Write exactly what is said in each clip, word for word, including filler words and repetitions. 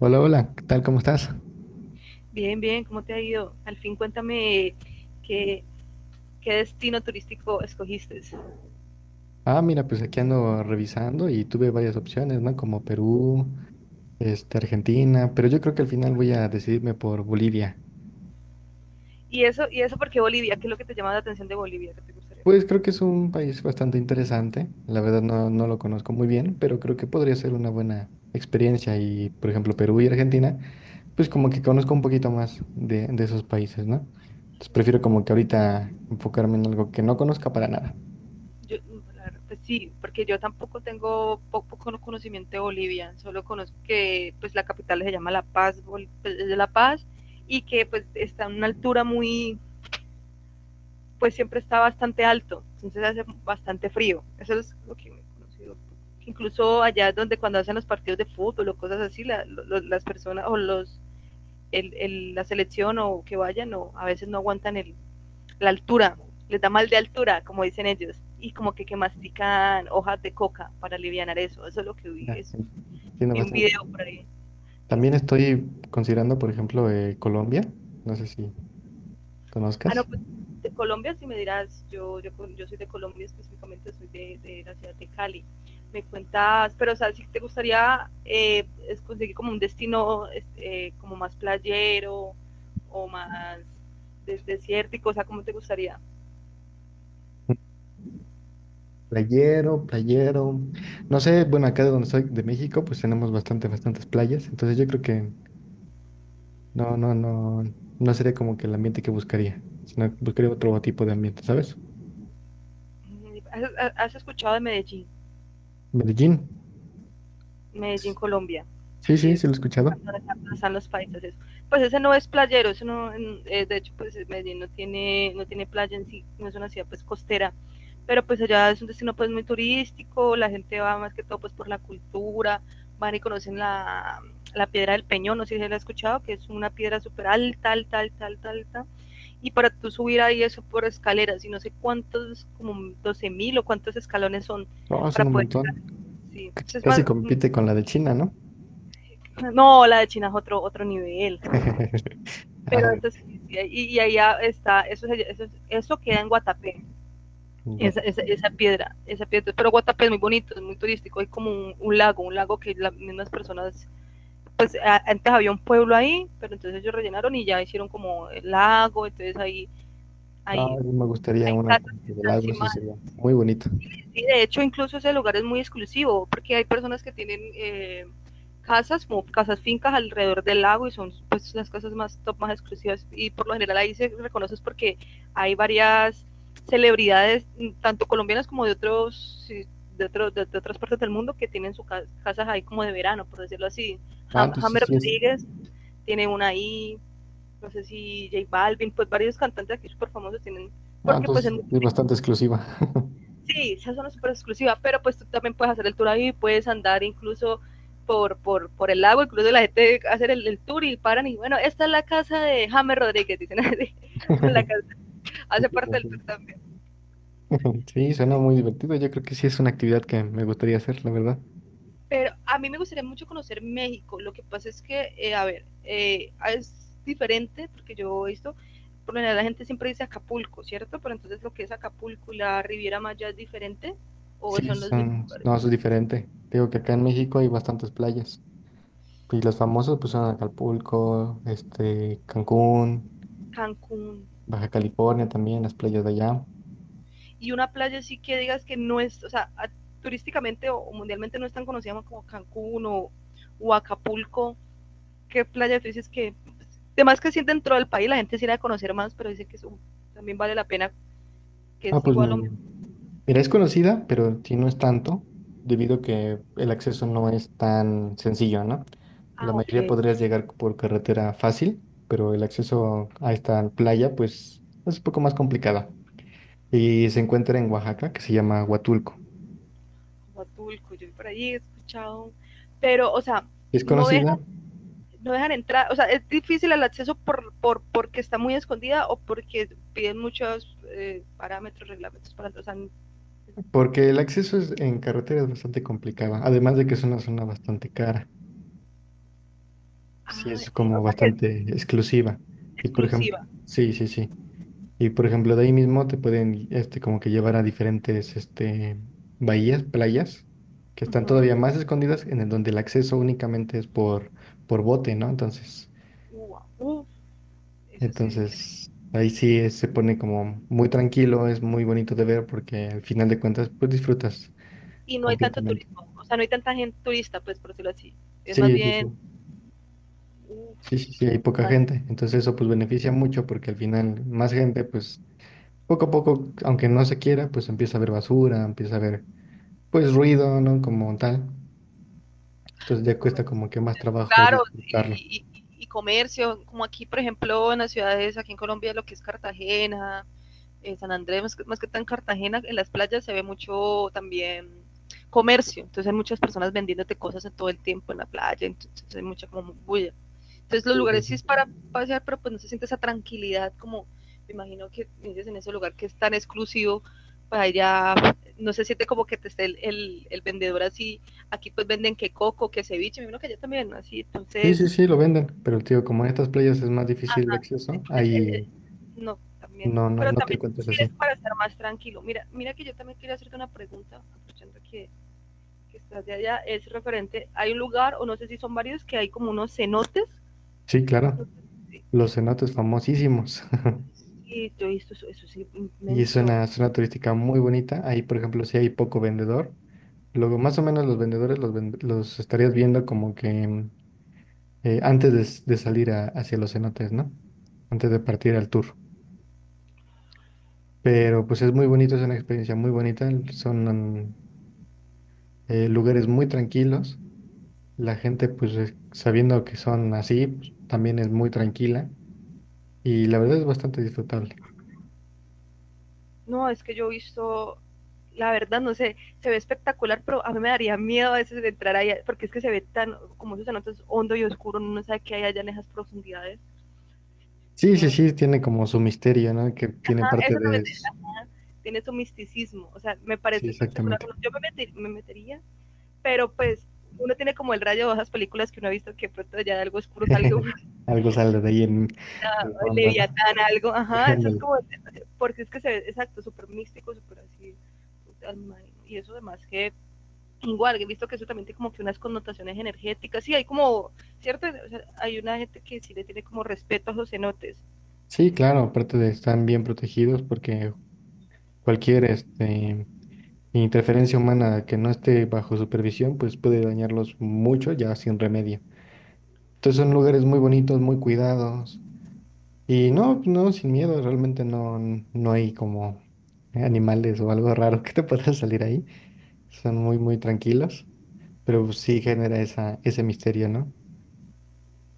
Hola, hola, ¿qué tal? ¿Cómo estás? Bien, bien, ¿cómo te ha ido? Al fin cuéntame qué, qué destino turístico escogiste. Ah, mira, pues aquí ando revisando y tuve varias opciones, ¿no? Como Perú, este, Argentina, pero yo creo que al final voy a decidirme por Bolivia. Y eso, y eso porque Bolivia, ¿qué es lo que te llama la atención de Bolivia? ¿Qué te gustaría Pues conocer? creo que es un país bastante interesante, la verdad no, no lo conozco muy bien, pero creo que podría ser una buena experiencia y, por ejemplo, Perú y Argentina, pues como que conozco un poquito más de, de esos países, ¿no? Entonces prefiero como que ahorita enfocarme en algo que no conozca para nada. Yo, la verdad, pues sí, porque yo tampoco tengo poco cono- conocimiento de Bolivia, solo conozco que pues la capital se llama La Paz, Bol- pues, es de La Paz, y que pues está en una altura muy, pues siempre está bastante alto, entonces hace bastante frío. Eso es lo que me he conocido. Incluso allá es donde cuando hacen los partidos de fútbol o cosas así, la, lo, las personas o los el, el, la selección o que vayan o a veces no aguantan el, la altura, les da mal de altura, como dicen ellos, y como que, que mastican hojas de coca para aliviar eso. Eso es lo que vi, Ya, es, entiendo vi un bastante. video por ahí. También Entonces, estoy considerando, por ejemplo, eh, Colombia. No sé si ah, no, conozcas. pues de Colombia, si me dirás, yo, yo, yo soy de Colombia específicamente, soy de, de la ciudad de Cali. Me cuentas, pero o sea, si te gustaría eh, es conseguir como un destino este, eh, como más playero o más des- desértico, o sea, ¿cómo te gustaría? Mm, playero, playero. No sé, bueno, acá de donde soy, de México, pues tenemos bastante, bastantes playas. Entonces yo creo que no, no, no, no sería como que el ambiente que buscaría, sino que buscaría otro tipo de ambiente, ¿sabes? Mm. ¿Has, has has escuchado de Medellín? Medellín. Medellín, Colombia, Sí, sí, que es sí lo he escuchado. donde están los paisas. Eso. Pues ese no es playero, eso no, eh, de hecho, pues Medellín no tiene, no tiene playa en sí, no es una ciudad pues costera, pero pues allá es un destino pues muy turístico, la gente va más que todo pues por la cultura, van y conocen la, la piedra del Peñón, no sé si la he escuchado, que es una piedra súper alta, alta, alta, alta, alta, y para tú subir ahí eso por escaleras, y no sé cuántos, como doce mil o cuántos escalones son Oh, para son un poder llegar. montón. Sí. Entonces es Casi más, compite con la de China, ¿no? no, la de China es otro, otro nivel. Ah, Pero bueno, eso sí, sí, sí, y, y allá está, eso, eso, eso queda en Guatapé, esa, Guata. esa, esa, piedra, esa piedra. Pero Guatapé es muy bonito, es muy turístico, hay como un, un lago, un lago que las mismas personas, pues a, antes había un pueblo ahí, pero entonces ellos rellenaron y ya hicieron como el lago, entonces ahí, No, ahí a mí me gustaría hay una casas parte que del están lago, eso encima. sería muy bonito. Sí, de hecho, incluso ese lugar es muy exclusivo, porque hay personas que tienen eh, casas, como casas fincas alrededor del lago y son pues las casas más top, más exclusivas. Y por lo general ahí se reconoces porque hay varias celebridades, mm, tanto colombianas como de otros, sí, de, otro, de, de otras partes del mundo, que tienen sus ca- casas casa ahí como de verano, por decirlo así. Ah, Ham- entonces Hammer sí es. Rodríguez tiene una ahí, no sé si J Balvin, pues varios cantantes aquí súper famosos tienen, Ah, porque pues es entonces muy es bastante turístico. exclusiva. Sí, esa zona es súper exclusiva, pero pues tú también puedes hacer el tour ahí, puedes andar incluso por, por, por el lago, incluso la gente hacer el, el tour y paran y bueno, esta es la casa de James Rodríguez, dicen así, o la casa, hace Entiendo, parte del entiendo. tour también. Sí, suena muy divertido. Yo creo que sí es una actividad que me gustaría hacer, la verdad. Pero a mí me gustaría mucho conocer México, lo que pasa es que, eh, a ver, eh, es diferente, porque yo he visto, por lo general la gente siempre dice Acapulco, ¿cierto? Pero entonces lo que es Acapulco y la Riviera Maya es diferente, o Sí, son los mismos son, lugares, no, eso es diferente. Te digo que acá en México hay bastantes playas. Y las famosas pues son Acapulco, este, Cancún, Cancún, Baja California también, las playas de allá. y una playa sí que digas que no es, o sea, a, turísticamente o, o, mundialmente no es tan conocida como Cancún o, o Acapulco, ¿qué playa tú dices que, además que sí dentro del país la gente sí la debe conocer más, pero dice que eso también vale la pena, que Ah, es pues igual o mm, menos, mira, es conocida, pero sí no es tanto, debido a que el acceso no es tan sencillo, ¿no? ah, La ok, mayoría podrías llegar por carretera fácil, pero el acceso a esta playa, pues, es un poco más complicado. Y se encuentra en Oaxaca, que se llama Huatulco. Acapulco, yo por ahí he escuchado, pero, o sea, Es no conocida dejan, no dejan entrar, o sea, es difícil el acceso por, por porque está muy escondida o porque piden muchos eh, parámetros, reglamentos para entrar, o sea, porque el acceso es- en carretera es bastante complicado, además de que es una zona bastante cara. Sí, ah, es y, o como sea que es bastante exclusiva. Y por ejemplo, exclusiva. sí, sí, sí. Y por ejemplo, de ahí mismo te pueden, este, como que llevar a diferentes, este, bahías, playas, que Uh están -huh. todavía más escondidas, en el donde el acceso únicamente es por, por bote, ¿no? Entonces, Uf, eso sí es interesante. entonces, ahí sí es- se pone como muy tranquilo, es muy bonito de ver porque al final de cuentas, pues disfrutas Y no hay tanto completamente. turismo, o sea, no hay tanta gente turista, pues por decirlo así. Es más Sí, sí, bien, sí. uf, Sí, sí, sí, hay no poca me gente. Entonces eso pues beneficia mucho porque al final más gente, pues poco a poco, aunque no se quiera, pues empieza a ver basura, empieza a ver pues ruido, ¿no? Como tal. Entonces ya no me cuesta gusta. como que más trabajo Claro, disfrutarlo. y, y, y, y comercio, como aquí, por ejemplo, en las ciudades, aquí en Colombia, lo que es Cartagena, eh, San Andrés, más que, más que tan Cartagena, en las playas se ve mucho también comercio, entonces hay muchas personas vendiéndote cosas en todo el tiempo en la playa, entonces hay mucha como bulla. Entonces los Sí, sí, lugares sí. sí es para pasear, pero pues no se siente esa tranquilidad como me imagino que dices en ese lugar que es tan exclusivo, para allá no se siente como que te esté el, el, el vendedor así, aquí pues venden que coco, que ceviche, me imagino que allá también, ¿no? Así, Sí, sí, entonces, sí, lo venden, pero tío, como en estas playas es más difícil el acceso, es- es- ahí no, también, no, no, pero no te también encuentras sí es así. para estar más tranquilo. Mira, mira que yo también quería hacerte una pregunta, aprovechando que, que estás de allá, es referente, hay un lugar, o no sé si son varios, que hay como unos cenotes, Sí, no claro, sé si. los cenotes famosísimos. Y yo he visto, eso, eso es Y es inmenso. una zona turística muy bonita. Ahí, por ejemplo, si hay poco vendedor, luego más o menos los vendedores los, ven- los estarías viendo como que mm, eh, antes de, s- de salir a- hacia los cenotes, ¿no? Antes de partir al tour. Pero pues es muy bonito, es una experiencia muy bonita. Son, mm, eh, Lugares muy tranquilos. La gente, pues es- sabiendo que son así, pues, también es muy tranquila y la verdad es bastante disfrutable. No, es que yo he visto, la verdad, no sé, se ve espectacular, pero a mí me daría miedo a veces de entrar ahí, porque es que se ve tan, como esos cenotes hondo y oscuro, no sabe qué hay allá en esas profundidades. ¿Sí Sí, me sí, ven? sí, tiene como su misterio, ¿no? Que tiene Ah, parte eso de... también te- s- ah, tiene su misticismo, o sea, me Sí, parece espectacular. exactamente. Yo me, meter- me metería, pero pues uno tiene como el rayo de esas películas que uno ha visto que pronto ya de algo oscuro salga uno. Algo sale de ahí en el fondo, ¿no? Leviatán, algo, ajá, eso es Ándale. como, porque es que se ve, exacto, súper místico, súper así, y eso además que, igual, he visto que eso también tiene como que unas connotaciones energéticas, sí, hay como, ¿cierto? O sea, hay una gente que sí le tiene como respeto a los cenotes, Sí, claro, aparte de están bien protegidos porque cualquier este, interferencia humana que no esté bajo supervisión, pues puede dañarlos mucho ya sin remedio. Entonces son lugares muy bonitos, muy cuidados. Y no, no, sin miedo, realmente no, no hay como animales o algo raro que te pueda salir ahí. Son muy, muy tranquilos, pero pues sí genera esa, ese misterio, ¿no?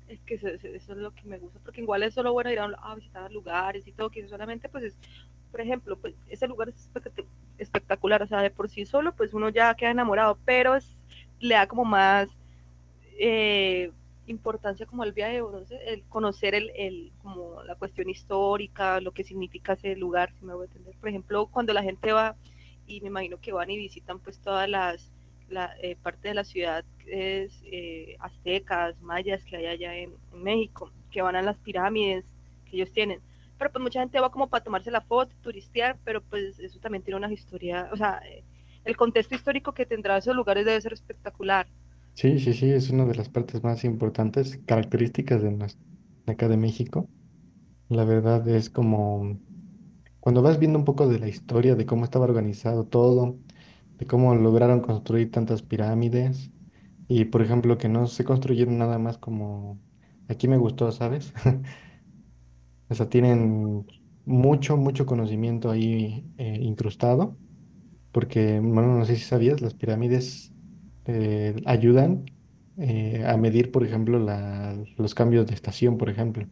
es que eso, eso, es lo que me gusta, porque igual es solo bueno ir a, a visitar lugares y todo, que eso solamente pues es, por ejemplo, pues ese lugar es espectacular, o sea, de por sí solo, pues uno ya queda enamorado, pero es, le da como más eh, importancia como el viaje de el conocer el, el, como la cuestión histórica, lo que significa ese lugar, si me voy a entender. Por ejemplo, cuando la gente va, y me imagino que van y visitan pues todas las la, eh, partes de la ciudad es, eh, aztecas, mayas que hay allá en, en, México, que van a las pirámides que ellos tienen. Pero pues mucha gente va como para tomarse la foto, turistear, pero pues eso también tiene una historia, o sea, el contexto histórico que tendrá esos lugares debe ser espectacular, Sí, sí, sí, es una de las partes más importantes, características de, nos- de acá de México. La verdad es como cuando vas viendo un poco de la historia, de cómo estaba organizado todo, de cómo lograron construir tantas pirámides. Y por ejemplo, que no se construyeron nada más como aquí me gustó, ¿sabes? O sea, tienen mucho, mucho conocimiento ahí eh, incrustado, porque, bueno, no sé si sabías, las pirámides eh, ayudan eh, a medir, por ejemplo, la- los cambios de estación, por ejemplo.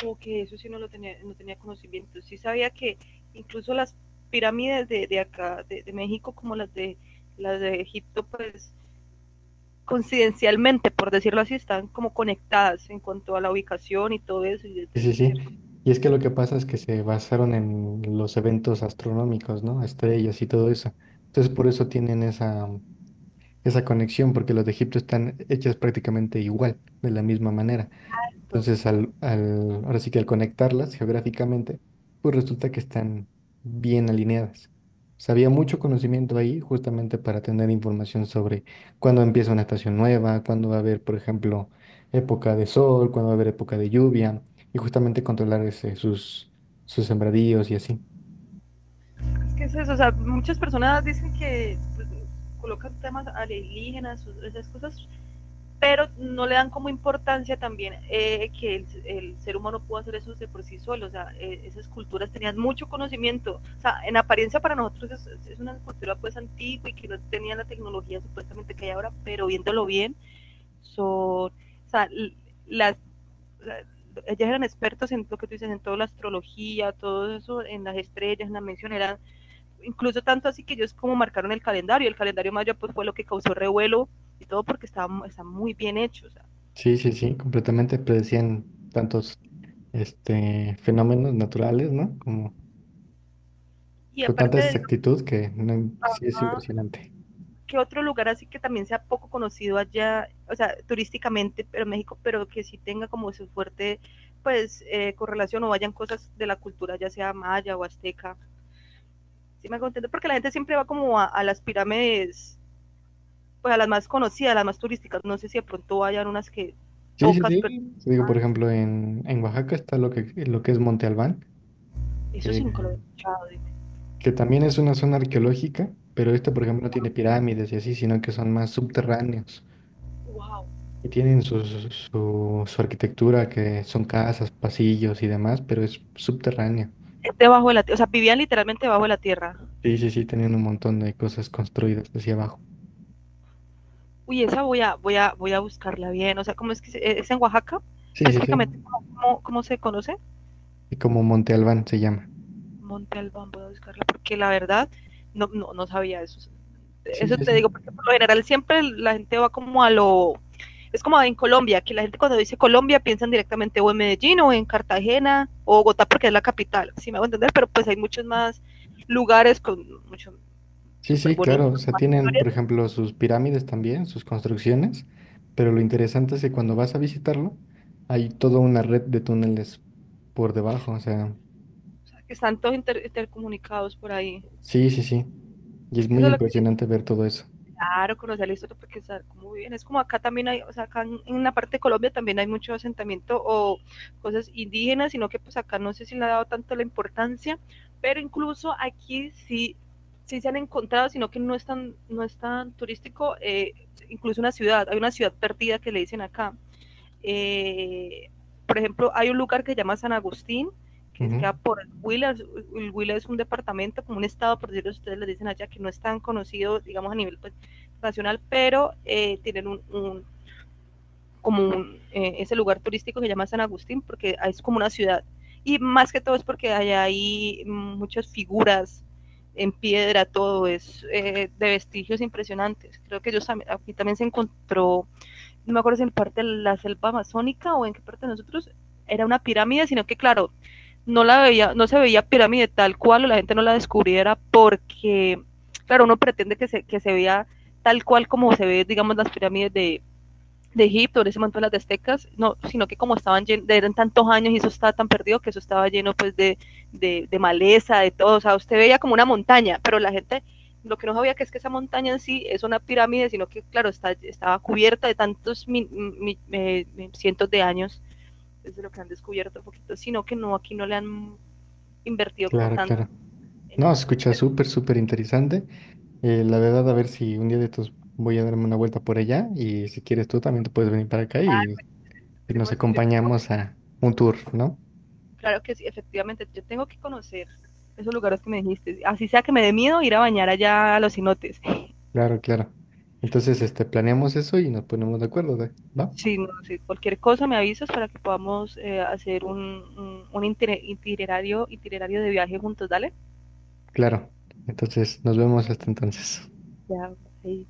como que eso sí no lo tenía, no tenía conocimiento. Sí sabía que incluso las pirámides de, de acá, de, de, México, como las de, las de Egipto, pues coincidencialmente, por decirlo así, están como conectadas en cuanto a la ubicación y todo eso, y Sí, desde sí, sí. cierto Y es que lo que pasa es que se basaron en los eventos astronómicos, ¿no? Estrellas y todo eso. Entonces, por eso tienen esa, esa conexión, porque los de Egipto están hechas prácticamente igual, de la misma manera. momento. Entonces, al, al- ahora sí que al conectarlas geográficamente, pues resulta que están bien alineadas. O sea, había mucho conocimiento ahí justamente para tener información sobre cuándo empieza una estación nueva, cuándo va a haber, por ejemplo, época de sol, cuándo va a haber época de lluvia, y justamente controlar ese- sus, sus sembradíos y así. Es que es eso, o sea, muchas personas dicen que pues, colocan temas alienígenas, esas cosas, pero no le dan como importancia también, eh, que el, el, ser humano pudo hacer eso de por sí solo, o sea, eh, esas culturas tenían mucho conocimiento, o sea, en apariencia para nosotros es, es, una cultura pues antigua y que no tenían la tecnología supuestamente que hay ahora, pero viéndolo bien, son, o sea, las, las ellas eran expertas en lo que tú dices, en toda la astrología, todo eso, en las estrellas, en la mención, eran, incluso tanto así que ellos como marcaron el calendario, el calendario maya pues fue lo que causó revuelo y todo porque estaba, está muy bien hecho, o sea, Sí, sí, sí, completamente predecían tantos este, fenómenos naturales, ¿no? Como y con tanta aparte de exactitud que no, sí es Digama, impresionante. ¿qué otro lugar así que también sea poco conocido allá, o sea, turísticamente, pero México, pero que sí tenga como su fuerte, pues, eh, correlación o vayan cosas de la cultura, ya sea maya o azteca? Sí me contento, porque la gente siempre va como a, a las pirámides, pues a las más conocidas, a las más turísticas. No sé si de pronto hayan unas que Sí, sí, pocas, pero sí. Te digo, por ejemplo, en, en Oaxaca está lo que, lo que es Monte Albán, eso sí que, nunca lo he escuchado. que también es una zona arqueológica, pero esta, por ejemplo, no tiene pirámides y así, sino que son más subterráneos Wow. y tienen su, su, su- su arquitectura, que son casas, pasillos y demás, pero es subterráneo. Debajo de la tierra, o sea, vivían literalmente debajo de la tierra. Sí, sí, sí, tienen un montón de cosas construidas hacia abajo. Uy, esa voy a, voy a, voy a buscarla bien. O sea, ¿cómo es que se- e, es en Oaxaca? Sí, sí, sí. Específicamente, ¿cómo, cómo- cómo se conoce? Y como Monte Albán se llama. Monte Albán, voy a buscarla, porque la verdad no, no, no sabía eso. Sí, Eso sí, te sí. digo, porque por lo general siempre la gente va como a lo... Es como en Colombia, que la gente cuando dice Colombia piensan directamente o en Medellín o en Cartagena o Bogotá porque es la capital, si me hago entender, pero pues hay muchos más lugares con mucho Sí, súper sí, bonitas claro. O sea, tienen, por historias, ejemplo, sus pirámides también, sus construcciones, pero lo interesante es que cuando vas a visitarlo, hay toda una red de túneles por debajo. O sea, o sea, que están todos inter- intercomunicados por ahí. sí, sí, sí. Y Es es que eso muy es lo que, impresionante ver todo eso. claro, conocer la historia porque saber muy bien. Es como acá también hay, o sea, acá en, en la parte de Colombia también hay mucho asentamiento o cosas indígenas, sino que pues acá no sé si le ha dado tanto la importancia, pero incluso aquí sí, sí se han encontrado, sino que no es tan, no es tan turístico, eh, incluso una ciudad, hay una ciudad perdida que le dicen acá, eh, por ejemplo, hay un lugar que se llama San Agustín, que Ujú, queda por el Huila. El Huila es un departamento, como un estado, por decirlo, ustedes les dicen allá, que no es tan conocido, digamos, a nivel pues, nacional, pero eh, tienen un, un como un, eh, ese lugar turístico que se llama San Agustín, porque es como una ciudad. Y más que todo es porque allá hay muchas figuras en piedra, todo es eh, de vestigios impresionantes. Creo que ellos, aquí también se encontró, no me acuerdo si en parte de la selva amazónica o en qué parte de nosotros era una pirámide, sino que claro, no la veía, no se veía pirámide tal cual o la gente no la descubriera porque, claro, uno pretende que se, que se vea tal cual como se ve, digamos, las pirámides de, de Egipto, de ese montón las de aztecas, no, sino que como estaban llen, eran tantos años y eso estaba tan perdido que eso estaba lleno pues de, de, de, maleza, de todo, o sea, usted veía como una montaña, pero la gente lo que no sabía que es que esa montaña en sí es una pirámide, sino que claro, está, estaba cubierta de tantos mi, mi, eh, cientos de años, es de lo que han descubierto un poquito, sino que no, aquí no le han invertido como claro, tanto claro. en No, se ese, escucha súper, súper interesante. Eh, la verdad, a ver si un día de estos voy a darme una vuelta por allá y si quieres tú también te puedes venir para acá y, y nos tenemos que, yo tengo, acompañamos a un tour, ¿no? claro que sí, efectivamente, yo tengo que conocer esos lugares que me dijiste. Así sea que me dé miedo ir a bañar allá a los cenotes. Claro, claro. Entonces, este, planeamos eso y nos ponemos de acuerdo, ¿de- ¿va? Si, no, si cualquier cosa me avisas para que podamos eh, hacer un, un, un, itinerario, itinerario de viaje juntos, dale. Claro. Entonces, nos vemos hasta entonces. Ya, ahí